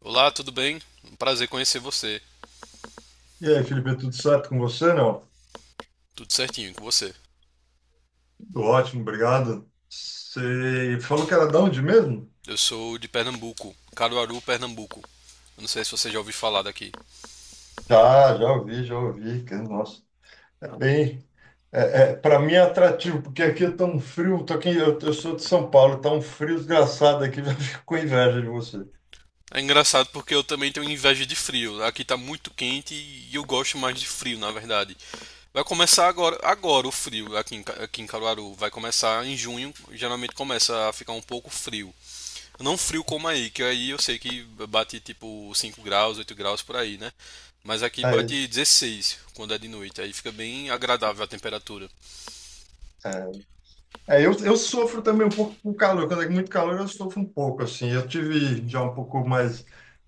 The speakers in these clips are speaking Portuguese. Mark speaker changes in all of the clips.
Speaker 1: Olá, tudo bem? Um prazer conhecer você.
Speaker 2: E aí, Felipe, é tudo certo com você? Não?
Speaker 1: Tudo certinho com você.
Speaker 2: Tudo ótimo, obrigado. Você falou que era de onde mesmo?
Speaker 1: Eu sou de Pernambuco, Caruaru, Pernambuco. Eu não sei se você já ouviu falar daqui.
Speaker 2: Já ouvi, já ouvi. Nossa, é bem. É, para mim é atrativo, porque aqui é tão frio. Tô aqui, eu sou de São Paulo, tá um frio desgraçado aqui, já fico com inveja de você.
Speaker 1: É engraçado porque eu também tenho inveja de frio. Aqui tá muito quente e eu gosto mais de frio, na verdade. Vai começar agora o frio aqui em Caruaru. Vai começar em junho, geralmente começa a ficar um pouco frio. Não frio como aí, que aí eu sei que bate tipo 5 graus, 8 graus por aí, né? Mas aqui
Speaker 2: É
Speaker 1: bate
Speaker 2: isso.
Speaker 1: 16 quando é de noite, aí fica bem agradável a temperatura.
Speaker 2: é. É, eu sofro também um pouco com calor. Quando é muito calor, eu sofro um pouco, assim. Eu tive já um pouco mais,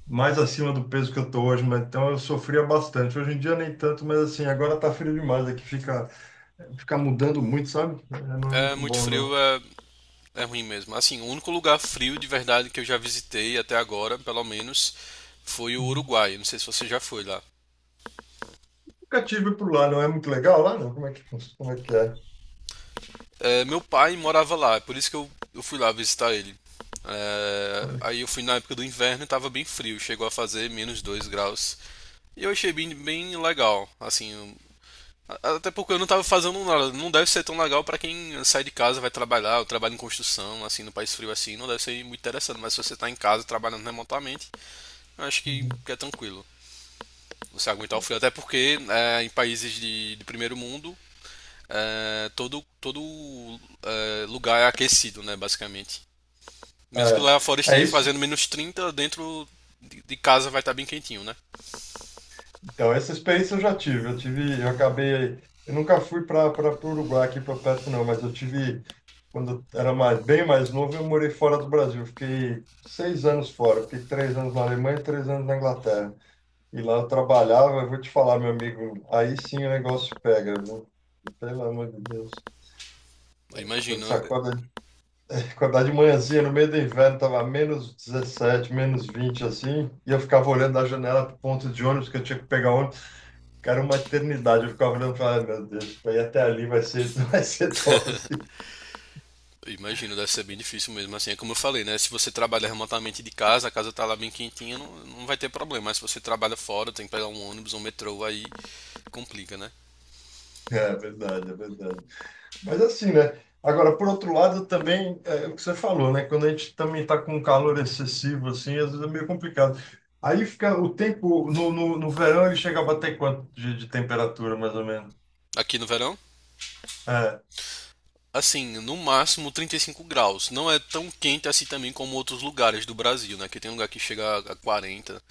Speaker 2: mais acima do peso que eu tô hoje, mas então eu sofria bastante. Hoje em dia nem tanto, mas assim, agora tá frio demais aqui, fica mudando muito, sabe? É, não é
Speaker 1: É
Speaker 2: muito
Speaker 1: muito
Speaker 2: bom,
Speaker 1: frio,
Speaker 2: não.
Speaker 1: é ruim mesmo. Assim, o único lugar frio de verdade que eu já visitei até agora, pelo menos, foi o
Speaker 2: Uhum.
Speaker 1: Uruguai. Não sei se você já foi lá.
Speaker 2: Nunca tive por lá, não é muito legal lá, não? Como é que é?
Speaker 1: É, meu pai morava lá, é por isso que eu fui lá visitar ele. É,
Speaker 2: Olha.
Speaker 1: aí eu fui na época do inverno e tava bem frio, chegou a fazer -2 graus. E eu achei bem, bem legal, assim. Até porque eu não tava fazendo nada. Não deve ser tão legal pra quem sai de casa, vai trabalhar, ou trabalha em construção, assim, no país frio assim, não deve ser muito interessante. Mas se você tá em casa trabalhando remotamente, eu acho que
Speaker 2: Uhum.
Speaker 1: que é tranquilo. Você aguentar o frio. Até porque em países de primeiro mundo, todo lugar é aquecido, né, basicamente. Mesmo que lá fora
Speaker 2: É, é
Speaker 1: esteja
Speaker 2: isso.
Speaker 1: fazendo -30 dentro de casa vai estar bem quentinho, né?
Speaker 2: Então, essa experiência eu já tive. Eu nunca fui para o Uruguai aqui para perto não, mas eu tive quando eu era mais, bem mais novo, eu morei fora do Brasil. Eu fiquei seis anos fora. Eu fiquei três anos na Alemanha e três anos na Inglaterra. E lá eu trabalhava. Eu vou te falar, meu amigo, aí sim o negócio pega, viu? Pelo amor de Deus.
Speaker 1: Eu
Speaker 2: Quando
Speaker 1: imagino.
Speaker 2: você acorda, acordar de manhãzinha no meio do inverno, tava menos 17, menos 20 assim, e eu ficava olhando da janela pro ponto de ônibus que eu tinha que pegar ônibus. Cara, uma eternidade. Eu ficava olhando e falava, "Ai, meu Deus, para ir até ali vai ser, vai ser dose.
Speaker 1: Imagino, deve ser bem difícil mesmo. Assim, é como eu falei, né? Se você trabalha remotamente de casa, a casa tá lá bem quentinha, não, não vai ter problema. Mas se você trabalha fora, tem que pegar um ônibus, um metrô, aí complica, né?
Speaker 2: É verdade, é verdade. Mas assim, né? Agora, por outro lado, também é o que você falou, né? Quando a gente também está com um calor excessivo, assim, às vezes é meio complicado. Aí fica o tempo, no verão ele chega a bater quanto de temperatura, mais ou menos?
Speaker 1: Aqui no verão,
Speaker 2: É,
Speaker 1: assim, no máximo 35 graus. Não é tão quente assim também como outros lugares do Brasil, né? Que tem lugar que chega a 40.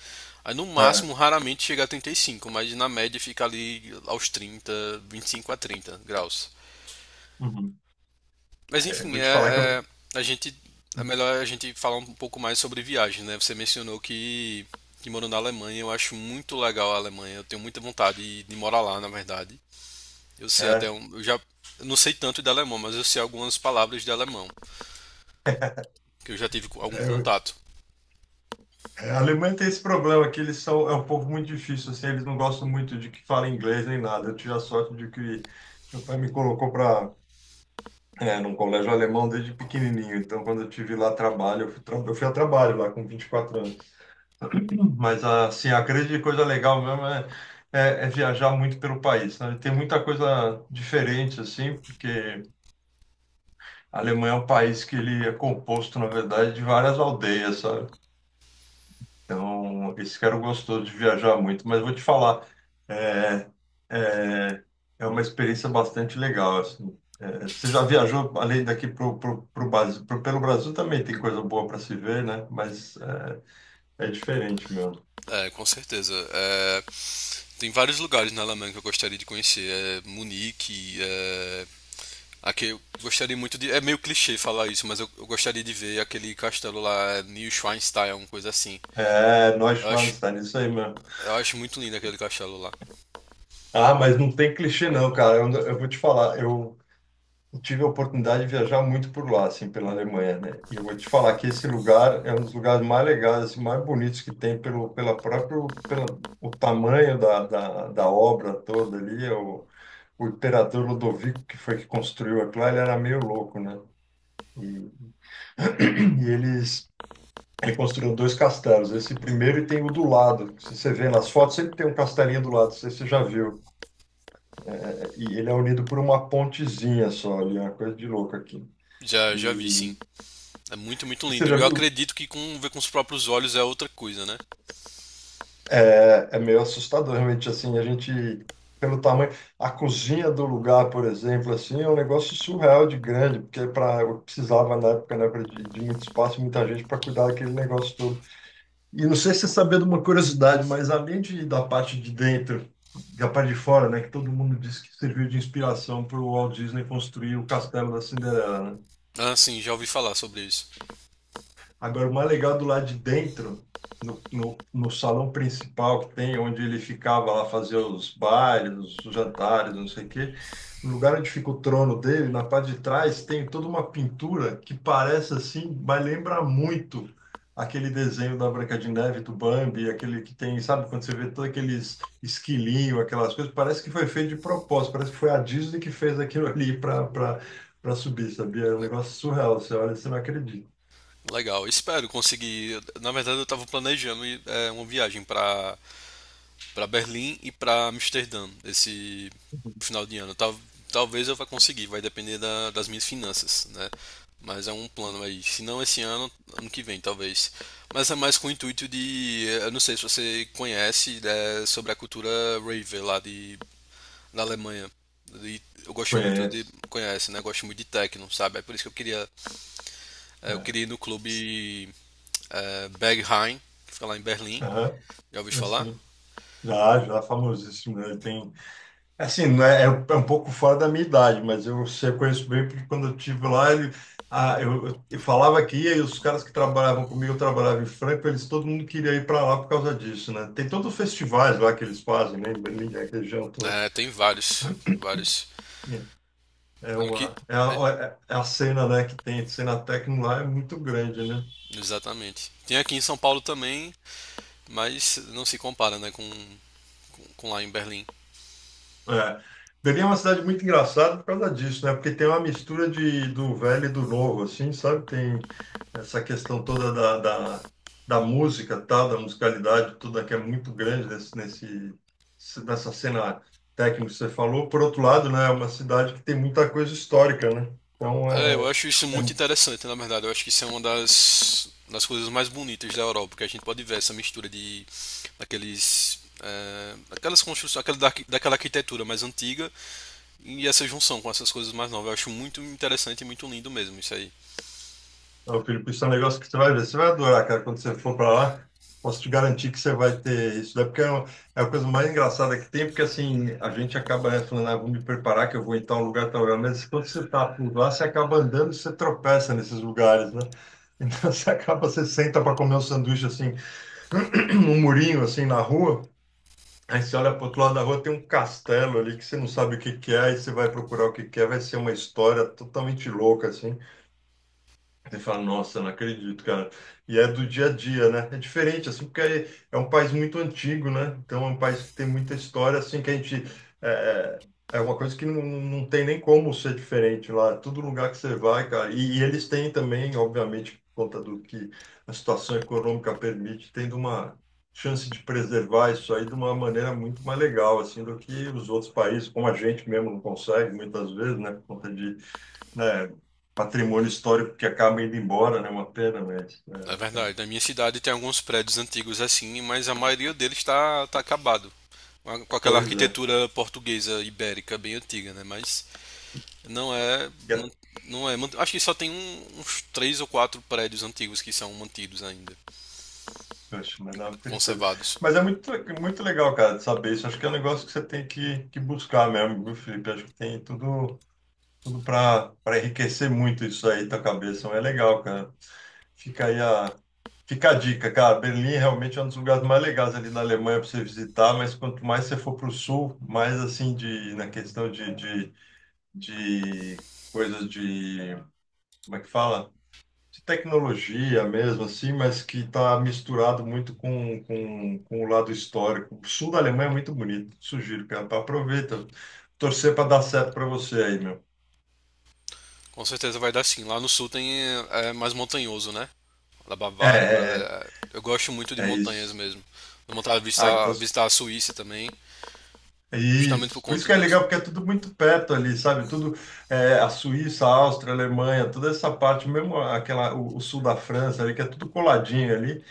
Speaker 1: Aí no
Speaker 2: é.
Speaker 1: máximo, raramente chega a 35, mas na média fica ali aos 30, 25 a 30 graus.
Speaker 2: Uhum.
Speaker 1: Mas
Speaker 2: Eu
Speaker 1: enfim,
Speaker 2: vou
Speaker 1: é,
Speaker 2: te falar que
Speaker 1: é,
Speaker 2: eu.
Speaker 1: a gente é melhor a gente falar um pouco mais sobre viagem, né? Você mencionou que morou na Alemanha, eu acho muito legal a Alemanha, eu tenho muita vontade de morar lá, na verdade. Eu sei até
Speaker 2: É,
Speaker 1: um, eu não sei tanto de alemão, mas eu sei algumas palavras de alemão, que eu já tive algum
Speaker 2: é,
Speaker 1: contato,
Speaker 2: A Alemanha tem esse problema que eles são um povo muito difícil assim, eles não gostam muito de que falem inglês nem nada. Eu tive a sorte de que meu pai me colocou para num colégio alemão desde pequenininho. Então, quando eu tive lá trabalho, eu fui, eu fui a trabalho lá com 24 anos. Mas assim, a grande coisa legal mesmo é viajar muito pelo país, sabe? Tem muita coisa diferente assim, porque a Alemanha é um país que ele é composto, na verdade, de várias aldeias, sabe? Então, esse cara gostou de viajar muito, mas vou te falar, é, é, é uma experiência bastante legal, assim. É, você já viajou além daqui pro Brasil, pelo Brasil também tem coisa boa para se ver, né? Mas é, é diferente mesmo.
Speaker 1: com certeza. É, tem vários lugares na Alemanha que eu gostaria de conhecer, Munique. Aqui, eu gostaria muito de. É meio clichê falar isso, mas eu gostaria de ver aquele castelo lá, New Schweinstein, uma coisa assim.
Speaker 2: É, nós
Speaker 1: Eu
Speaker 2: lá
Speaker 1: acho,
Speaker 2: nos Estados Unidos, isso aí mesmo.
Speaker 1: eu acho muito lindo aquele castelo lá.
Speaker 2: Ah, mas não tem clichê não, cara. Eu vou te falar, eu tive a oportunidade de viajar muito por lá, assim, pela Alemanha, né? E eu vou te falar que esse lugar é um dos lugares mais legais, assim, mais bonitos que tem pelo o tamanho da obra toda ali. O imperador Ludovico, que foi que construiu aquilo, lá, ele era meio louco, né? E, e eles, ele construiu dois castelos. Esse primeiro e tem o do lado. Se você vê nas fotos, sempre tem um castelinho do lado, não sei se você já viu. É, e ele é unido por uma pontezinha só ali, é uma coisa de louco aqui.
Speaker 1: Já vi, sim.
Speaker 2: E,
Speaker 1: É muito, muito
Speaker 2: e você
Speaker 1: lindo.
Speaker 2: já
Speaker 1: E eu
Speaker 2: viu?
Speaker 1: acredito que ver com os próprios olhos é outra coisa, né?
Speaker 2: É, é meio assustador, realmente, assim, a gente, pelo tamanho, a cozinha do lugar, por exemplo, assim, é um negócio surreal de grande, porque para eu precisava, na época, né, de muito espaço, muita gente para cuidar daquele negócio todo. E não sei se você sabia de uma curiosidade, mas da parte de dentro, da parte de fora, né, que todo mundo disse que serviu de inspiração para o Walt Disney construir o Castelo da Cinderela, né?
Speaker 1: Ah, sim, já ouvi falar sobre isso.
Speaker 2: Agora, o mais legal do lado de dentro, no salão principal que tem, onde ele ficava lá fazer os bailes, os jantares, não sei o quê, no lugar onde fica o trono dele, na parte de trás, tem toda uma pintura que parece assim, mas lembra muito aquele desenho da Branca de Neve, do Bambi, aquele que tem, sabe, quando você vê todos aqueles esquilinhos, aquelas coisas, parece que foi feito de propósito, parece que foi a Disney que fez aquilo ali para subir, sabia? É um negócio surreal, você olha e você não acredita.
Speaker 1: Legal, espero conseguir. Na verdade, eu tava planejando ir, uma viagem pra para Berlim e para Amsterdã esse final de ano. Talvez eu vá conseguir, vai depender das minhas finanças, né? Mas é um plano aí. Se não esse ano, ano que vem, talvez. Mas é mais com o intuito de. Eu não sei se você conhece, né, sobre a cultura rave lá da Alemanha. E eu gosto muito de.
Speaker 2: Conhece.
Speaker 1: Conhece, né? Eu gosto muito de techno, sabe? É por isso que eu queria. Eu
Speaker 2: É.
Speaker 1: queria ir no clube Berghain, que fica lá em Berlim.
Speaker 2: Aham,
Speaker 1: Já ouviu falar?
Speaker 2: assim, já, já famosíssimo. Né? Ele tem, assim, não é, é um pouco fora da minha idade, mas eu sei, eu conheço bem, porque quando eu estive lá, ele, ah, eu falava que ia, e os caras que trabalhavam comigo, eu trabalhava em Franca, eles, todo mundo queria ir para lá por causa disso, né? Tem todos os festivais lá que eles fazem, né? Em Berlim, na região toda.
Speaker 1: É, tem vários. Vários.
Speaker 2: É
Speaker 1: Eu que-
Speaker 2: uma, é a, é é a cena, né, que tem, a cena técnica lá é muito grande, né?
Speaker 1: Exatamente. Tem aqui em São Paulo também, mas não se compara, né, com lá em Berlim.
Speaker 2: É. Berlim é uma cidade muito engraçada por causa disso, né? Porque tem uma mistura de, do velho e do novo, assim, sabe? Tem essa questão toda da música, tal, da musicalidade toda que é muito grande nessa cena técnica que você falou. Por outro lado, né? É uma cidade que tem muita coisa histórica, né? Então,
Speaker 1: É, eu
Speaker 2: é,
Speaker 1: acho isso
Speaker 2: é
Speaker 1: muito interessante, na verdade. Eu acho que isso é uma das coisas mais bonitas da Europa, porque a gente pode ver essa mistura de daqueles aquelas construções, daquela arquitetura mais antiga e essa junção com essas coisas mais novas. Eu acho muito interessante e muito lindo mesmo isso aí.
Speaker 2: Ô, Felipe, isso é um negócio que você vai ver, você vai adorar, cara, quando você for para lá. Posso te garantir que você vai ter isso. Daí porque é a coisa mais engraçada que tem, porque assim, a gente acaba, né, falando, ah, vou me preparar que eu vou em tal lugar, tal lugar. Mas quando você tá por lá, você acaba andando, e você tropeça nesses lugares, né? Então você acaba, você senta para comer um sanduíche assim, num murinho assim na rua. Aí você olha para outro lado da rua, tem um castelo ali que você não sabe o que que é, aí você vai procurar o que que é, vai ser uma história totalmente louca, assim. Você fala, nossa, não acredito, cara. E é do dia a dia, né? É diferente, assim, porque é um país muito antigo, né? Então é um país que tem muita história, assim, que a gente. É, é é uma coisa que não, não tem nem como ser diferente lá. Todo lugar que você vai, cara. E eles têm também, obviamente, por conta do que a situação econômica permite, tendo uma chance de preservar isso aí de uma maneira muito mais legal, assim, do que os outros países, como a gente mesmo não consegue, muitas vezes, né? Por conta de é, patrimônio histórico que acaba indo embora, né? Uma pena, mas
Speaker 1: É
Speaker 2: é, é
Speaker 1: verdade. Na minha cidade tem alguns prédios antigos assim, mas a maioria deles está tá acabado. Com aquela
Speaker 2: coisa.
Speaker 1: arquitetura portuguesa ibérica bem antiga, né? Mas não é,
Speaker 2: É, É,
Speaker 1: man- não é. man- Acho que só tem uns três ou quatro prédios antigos que são mantidos ainda,
Speaker 2: poxa, mas dá uma tristeza.
Speaker 1: conservados.
Speaker 2: Mas é muito, muito legal, cara, de saber isso. Acho que é um negócio que você tem que buscar mesmo, viu, Felipe? Acho que tem tudo, tudo para enriquecer muito isso aí, tua cabeça. Então, é legal, cara. Fica aí a, fica a dica, cara. Berlim realmente é um dos lugares mais legais ali na Alemanha para você visitar, mas quanto mais você for para o sul, mais assim de, na questão de coisas de como é que fala? De tecnologia mesmo, assim, mas que está misturado muito com o lado histórico. O sul da Alemanha é muito bonito, sugiro, cara. Então torcer para dar certo para você aí, meu.
Speaker 1: Com certeza vai dar sim. Lá no sul tem mais montanhoso, né? Da
Speaker 2: É,
Speaker 1: Bavária, por ali.
Speaker 2: é,
Speaker 1: É. Eu gosto muito de
Speaker 2: é
Speaker 1: montanhas
Speaker 2: isso.
Speaker 1: mesmo. Tenho vontade de
Speaker 2: Ah,
Speaker 1: visitar,
Speaker 2: então.
Speaker 1: visitar a Suíça também,
Speaker 2: É
Speaker 1: justamente por
Speaker 2: isso. Por isso
Speaker 1: conta
Speaker 2: que é
Speaker 1: disso.
Speaker 2: legal, porque é tudo muito perto ali, sabe? A Suíça, a Áustria, a Alemanha, toda essa parte, mesmo aquela, o sul da França ali, que é tudo coladinho ali.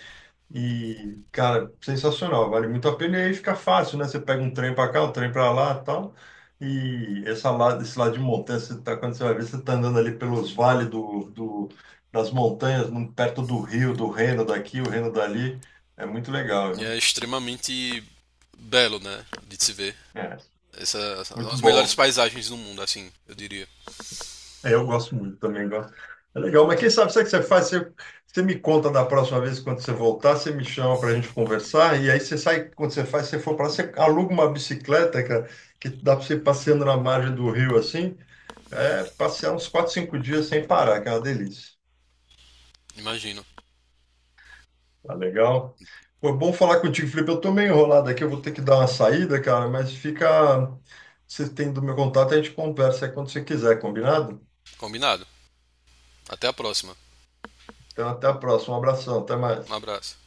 Speaker 2: E, cara, sensacional, vale muito a pena. E aí fica fácil, né? Você pega um trem para cá, um trem para lá e tal. Esse lado de montanha, você tá, quando você vai ver, você tá andando ali pelos vales das montanhas, perto do rio, do Reno daqui, o Reno dali. É muito legal,
Speaker 1: E é
Speaker 2: viu?
Speaker 1: extremamente belo, né? De se ver.
Speaker 2: É,
Speaker 1: Essa,
Speaker 2: muito
Speaker 1: As melhores
Speaker 2: bom.
Speaker 1: paisagens do mundo, assim, eu diria.
Speaker 2: É, eu gosto muito também, gosto. É legal, mas quem sabe, sabe o que você faz? Você me conta da próxima vez quando você voltar, você me chama para a gente conversar, e aí você sai, você for para lá, você aluga uma bicicleta, cara, que dá para você ir passeando na margem do rio assim, é, passear uns 4, 5 dias sem parar, que é uma delícia.
Speaker 1: Imagino.
Speaker 2: Tá legal? Foi bom falar contigo, Felipe. Eu tô meio enrolado aqui, eu vou ter que dar uma saída, cara, mas fica. Você tem do meu contato, a gente conversa aí quando você quiser, combinado?
Speaker 1: Combinado. Até a próxima.
Speaker 2: Então, até a próxima, um abração, até
Speaker 1: Um
Speaker 2: mais.
Speaker 1: abraço.